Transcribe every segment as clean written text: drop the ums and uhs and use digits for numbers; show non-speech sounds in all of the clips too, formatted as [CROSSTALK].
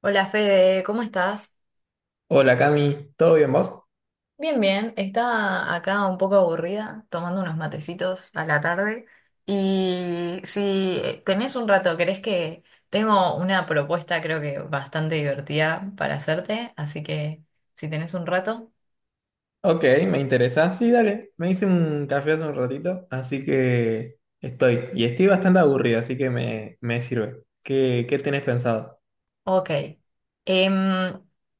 Hola Fede, ¿cómo estás? Hola Cami, ¿todo bien vos? Bien, bien. Estaba acá un poco aburrida, tomando unos matecitos a la tarde. Y si tenés un rato, ¿querés que tengo una propuesta creo que bastante divertida para hacerte? Así que si tenés un rato, Ok, me interesa. Sí, dale, me hice un café hace un ratito, así que estoy. Y estoy bastante aburrido, así que me sirve. ¿Qué tenés pensado? ok. Em,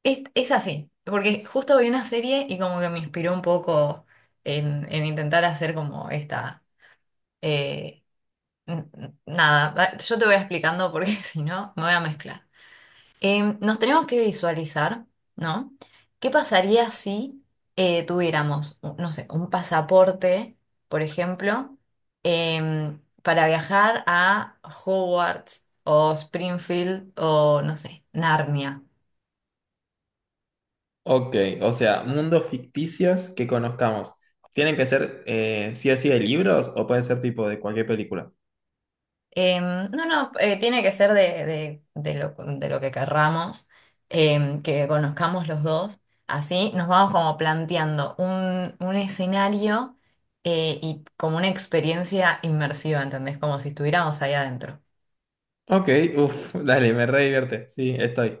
es así, porque justo vi una serie y como que me inspiró un poco en intentar hacer como esta... eh, Nada, yo te voy explicando porque [LAUGHS] si no me voy a mezclar. Nos tenemos que visualizar, ¿no? ¿Qué pasaría si tuviéramos, no sé, un pasaporte, por ejemplo, para viajar a Hogwarts o Springfield o, no sé, Narnia? Ok, o sea, mundos ficticios que conozcamos. ¿Tienen que ser sí o sí de libros o puede ser tipo de cualquier película? No, no, tiene que ser de lo que querramos, que conozcamos los dos. Así nos vamos como planteando un escenario y como una experiencia inmersiva, ¿entendés? Como si estuviéramos ahí adentro. Ok, uff, dale, me re divierte. Sí, estoy.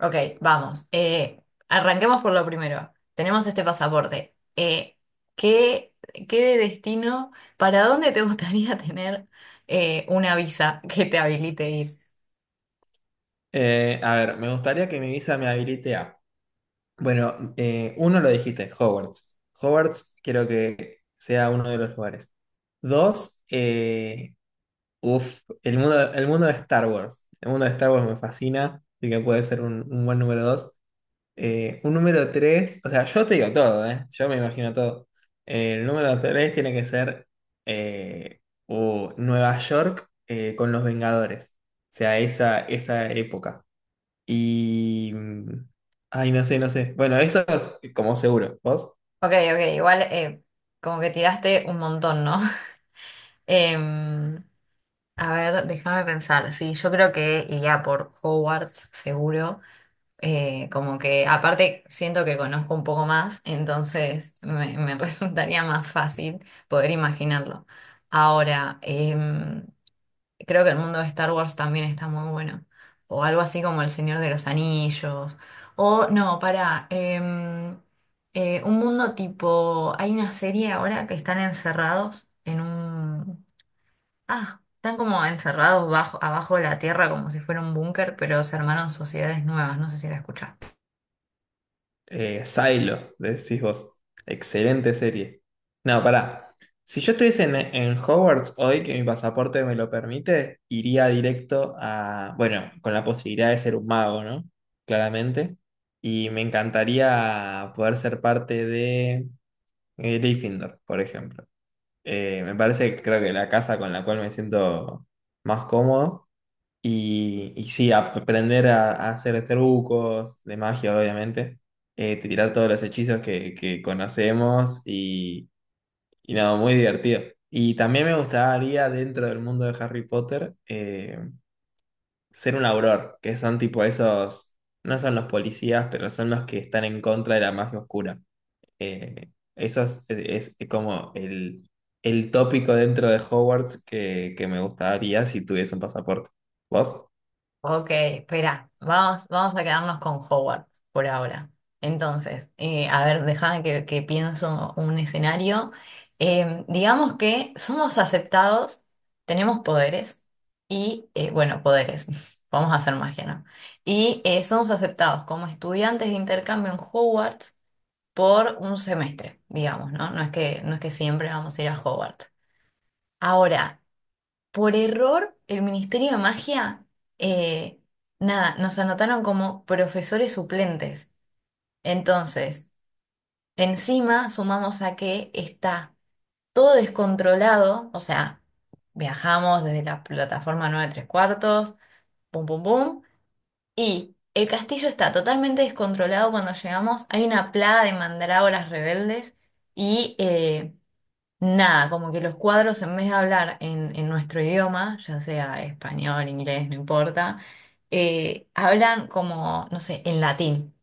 Ok, vamos. Arranquemos por lo primero. Tenemos este pasaporte. ¿Qué, Qué de destino? ¿Para dónde te gustaría [LAUGHS] tener una visa que te habilite? A ver, me gustaría que mi visa me habilite a. Bueno, uno lo dijiste, Hogwarts. Hogwarts quiero que sea uno de los lugares. Dos, uf, el mundo de Star Wars. El mundo de Star Wars me fascina, así que puede ser un buen número dos. Un número tres, o sea, yo te digo todo, ¿eh? Yo me imagino todo. El número tres tiene que ser eh, o Nueva York con los Vengadores. O sea, esa época. Y mm, ay, no sé, no sé. Bueno, eso como seguro. ¿Vos? Ok, ok, igual como que tiraste un montón, ¿no? [LAUGHS] Em, a ver, déjame pensar. Sí, yo creo que iría por Hogwarts, seguro. Como que aparte siento que conozco un poco más, entonces me [LAUGHS] resultaría más fácil poder imaginarlo. Ahora, creo que el mundo de Star Wars también está muy bueno. O algo así como El Señor de los Anillos. O no, para un mundo tipo. Hay una serie ahora que están encerrados en un. Ah, están como encerrados bajo, abajo de la tierra como si fuera un búnker, pero se armaron sociedades nuevas. No sé si la escuchaste. Silo, decís vos. Excelente serie. No, pará. Si yo estuviese en Hogwarts hoy, que mi pasaporte me lo permite, iría directo a, bueno, con la posibilidad de ser un mago, ¿no? Claramente. Y me encantaría poder ser parte de Gryffindor, por ejemplo. Me parece que creo que la casa con la cual me siento más cómodo. Y sí, aprender a hacer trucos de magia, obviamente. Tirar todos los hechizos que conocemos y nada, muy divertido. Y también me gustaría, dentro del mundo de Harry Potter, ser un auror, que son tipo esos, no son los policías, pero son los que están en contra de la magia oscura. Eso es como el tópico dentro de Hogwarts que me gustaría si tuviese un pasaporte. ¿Vos? Ok, espera, vamos, vamos a quedarnos con Howard por ahora. Entonces, a ver, déjame que pienso un escenario. Digamos que somos aceptados, tenemos poderes y, bueno, poderes, [LAUGHS] vamos a hacer magia, ¿no? Y somos aceptados como estudiantes de intercambio en Hogwarts por un semestre, digamos, ¿no? No es que siempre vamos a ir a Hogwarts. Ahora, por error, el Ministerio de Magia, eh, nada, nos anotaron como profesores suplentes. Entonces, encima sumamos a que está todo descontrolado, o sea, viajamos desde la plataforma 9 3/4, pum, pum, pum, y el castillo está totalmente descontrolado cuando llegamos. Hay una plaga de mandrágoras rebeldes y... nada, como que los cuadros en vez de hablar en nuestro idioma, ya sea español, inglés, no importa, hablan como, no sé, en latín.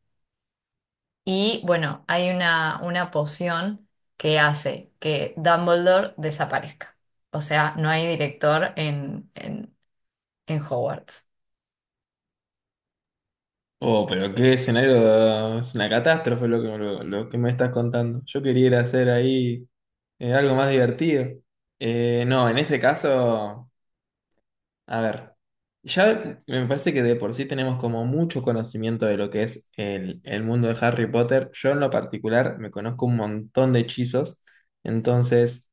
Y bueno, hay una poción que hace que Dumbledore desaparezca. O sea, no hay director en Hogwarts. Oh, pero qué escenario, es una catástrofe lo que me estás contando. Yo quería ir a hacer ahí algo más divertido. No, en ese caso, a ver, ya me parece que de por sí tenemos como mucho conocimiento de lo que es el mundo de Harry Potter. Yo en lo particular me conozco un montón de hechizos, entonces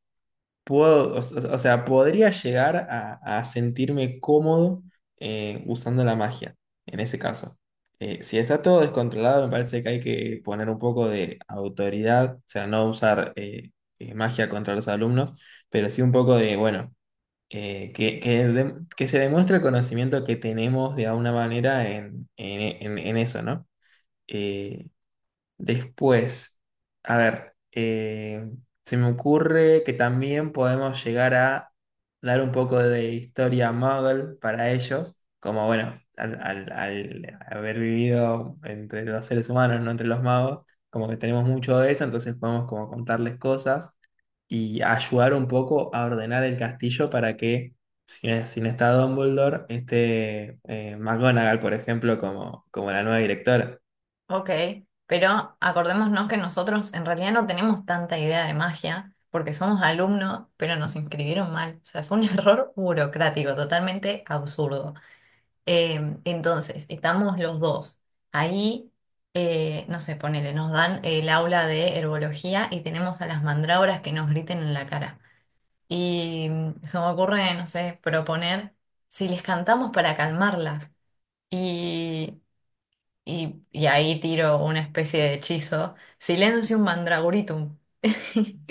puedo, o sea, podría llegar a sentirme cómodo usando la magia, en ese caso. Si está todo descontrolado, me parece que hay que poner un poco de autoridad, o sea, no usar magia contra los alumnos, pero sí un poco de, bueno, que, de- que se demuestre el conocimiento que tenemos de alguna manera en eso, ¿no? Eh, después, a ver, se me ocurre que también podemos llegar a dar un poco de historia muggle para ellos, como bueno, al, al- al haber vivido entre los seres humanos, no entre los magos, como que tenemos mucho de eso, entonces podemos como contarles cosas y ayudar un poco a ordenar el castillo para que, si no, si no está Dumbledore, esté McGonagall, por ejemplo, como, como la nueva directora. Ok, pero acordémonos que nosotros en realidad no tenemos tanta idea de magia porque somos alumnos, pero nos inscribieron mal. O sea, fue un [LAUGHS] error burocrático, totalmente absurdo. Entonces, estamos los dos. Ahí, no sé, ponele, nos dan el aula de herbología y tenemos a las mandrágoras que nos griten en la cara. Y mm, se me ocurre, no sé, proponer si les cantamos para calmarlas. Y y ahí tiro una especie de hechizo, Silencium Mandragoritum. [LAUGHS]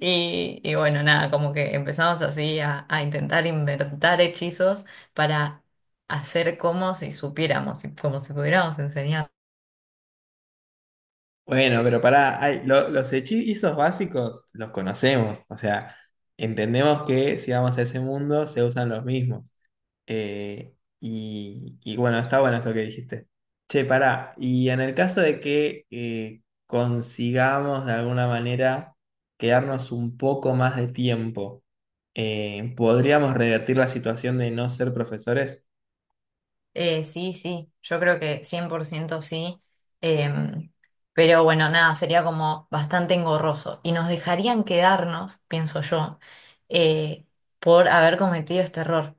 Y, y bueno, nada, como que empezamos así a intentar inventar hechizos para hacer como si supiéramos, y como si pudiéramos enseñar. Bueno, pero pará, ay, lo- los hechizos básicos los conocemos, o sea, entendemos que si vamos a ese mundo se usan los mismos. Eh, y bueno, está bueno eso que dijiste. Che, pará, y en el caso de que consigamos de alguna manera quedarnos un poco más de tiempo, ¿podríamos revertir la situación de no ser profesores? Sí, sí, yo creo que 100% sí. Em, pero bueno, nada, sería como bastante engorroso. Y nos dejarían quedarnos, pienso yo, eh, por haber cometido este error,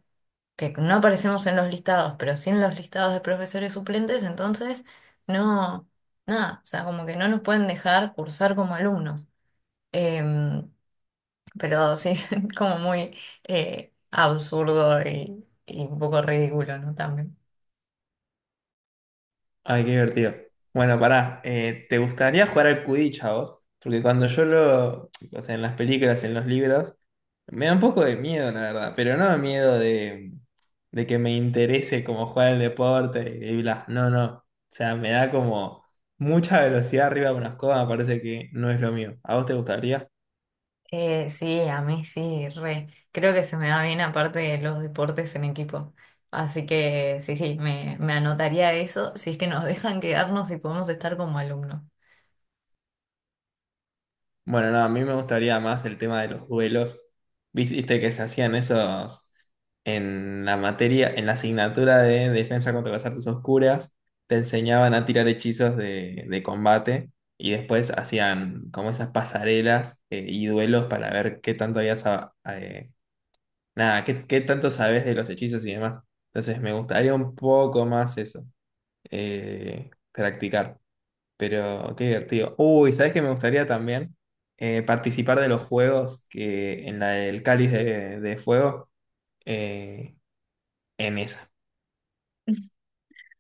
que no aparecemos en los listados, pero sí en los listados de profesores suplentes, entonces no, nada, o sea, como que no nos pueden dejar cursar como alumnos. Em, pero sí, [LAUGHS] como muy absurdo y un poco ridículo, ¿no? También. Ay, qué divertido. Bueno, pará, ¿te gustaría jugar al Quidditch a vos? Porque cuando yo lo, o sea, en las películas, en los libros, me da un poco de miedo, la verdad, pero no miedo de que me interese como jugar al deporte y bla, no, no. O sea, me da como mucha velocidad arriba de una escoba, me parece que no es lo mío. ¿A vos te gustaría? Sí, a mí sí, re. Creo que se me da bien aparte de los deportes en equipo. Así que sí, sí, me anotaría eso si es que nos [LAUGHS] dejan quedarnos y podemos estar como alumnos. Bueno, no, a mí me gustaría más el tema de los duelos. Viste que se hacían esos en la materia, en la asignatura de defensa contra las artes oscuras, te enseñaban a tirar hechizos de combate y después hacían como esas pasarelas y duelos para ver qué tanto habías, a- nada, qué tanto sabes de los hechizos y demás. Entonces me gustaría un poco más eso, practicar. Pero qué divertido. Uy, ¿sabes qué me gustaría también? Participar de los juegos que en la del Cáliz de Fuego, eh, en esa.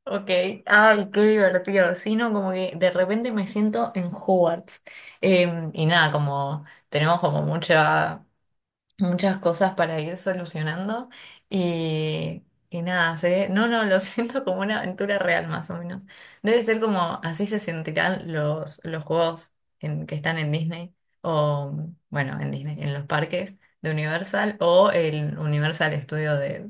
Ok, ay, qué divertido. Sí, no, como que de repente me siento en Hogwarts. Y nada, como tenemos como muchas cosas para ir solucionando y, y nada, no, no, lo [LAUGHS] siento como una aventura real más o menos. Debe ser como así se sentirán los juegos que están en Disney o, bueno, en Disney, en los parques de Universal o el Universal Studio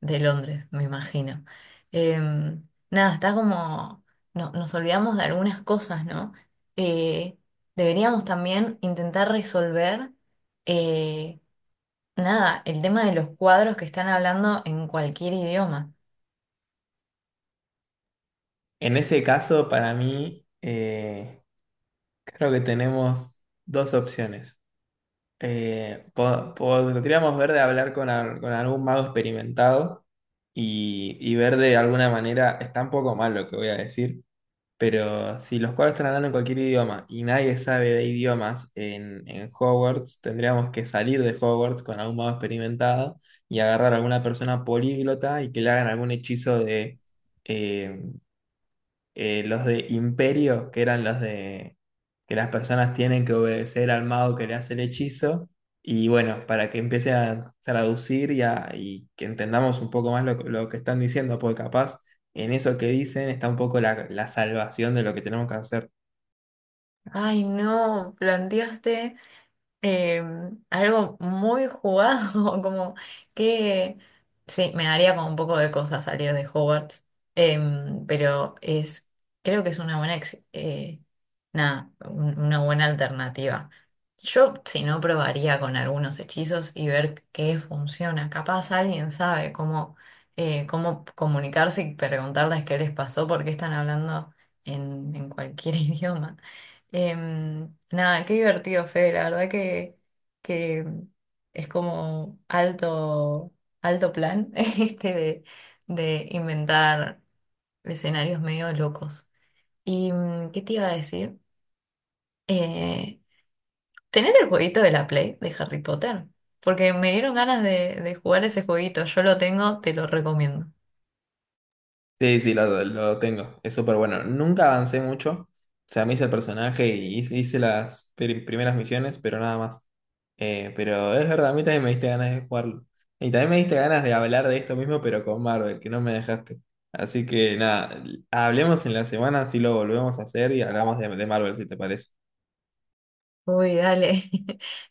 de Londres, me imagino. Nada, está como, no, nos olvidamos de algunas cosas, ¿no? Eh, Deberíamos también intentar resolver. eh, Nada, el tema de los cuadros que están hablando en cualquier idioma. En ese caso, para mí, creo que tenemos dos opciones. Po- podríamos ver de hablar con, al- con algún mago experimentado y ver de alguna manera, está un poco mal lo que voy a decir, pero si los cuatro están hablando en cualquier idioma y nadie sabe de idiomas en Hogwarts, tendríamos que salir de Hogwarts con algún mago experimentado y agarrar a alguna persona políglota y que le hagan algún hechizo de, eh, los de Imperio, que eran los de que las personas tienen que obedecer al mago que le hace el hechizo, y bueno, para que empiece a traducir y, a- y que entendamos un poco más lo que están diciendo, porque capaz en eso que dicen está un poco la, la salvación de lo que tenemos que hacer. Ay, no, planteaste. Eh, Algo muy jugado, [LAUGHS] como que sí, me daría como un poco de cosa salir de Hogwarts, pero es, creo que es una buena, nada, una buena alternativa. Yo, si no, probaría con algunos hechizos y ver qué funciona. Capaz alguien sabe cómo, cómo comunicarse y preguntarles qué les pasó, porque están hablando en cualquier [LAUGHS] idioma. Nada, qué divertido, Fede. La verdad que mm, es como alto, alto plan [LAUGHS] este de inventar escenarios medio locos. ¿Y mm, qué te iba a decir? Eh, ¿Tenés el jueguito de la Play de Harry Potter? Porque me dieron ganas de jugar ese jueguito. Yo lo tengo, te lo recomiendo. Sí, sí, lo tengo. Es súper bueno. Nunca avancé mucho. O sea, me hice el personaje y hice las pri- primeras misiones, pero nada más. Pero es verdad, a mí también me diste ganas de jugarlo. Y también me diste ganas de hablar de esto mismo, pero con Marvel, que no me dejaste. Así que nada, hablemos en la semana, si lo volvemos a hacer y hablamos de Marvel, si te parece. Uy, dale. [LAUGHS]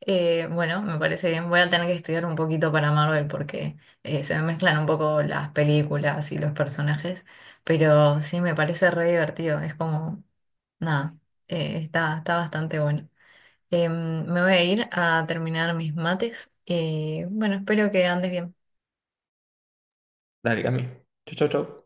Bueno, me parece bien. Voy a tener que estudiar un poquito para Marvel porque se me mezclan un poco las películas y los personajes, pero sí me parece re divertido. Es como, nada, está, está bastante bueno. Me voy a ir a terminar mis mates y bueno, espero que andes bien. Dale, Cami. Chau, chau, chau.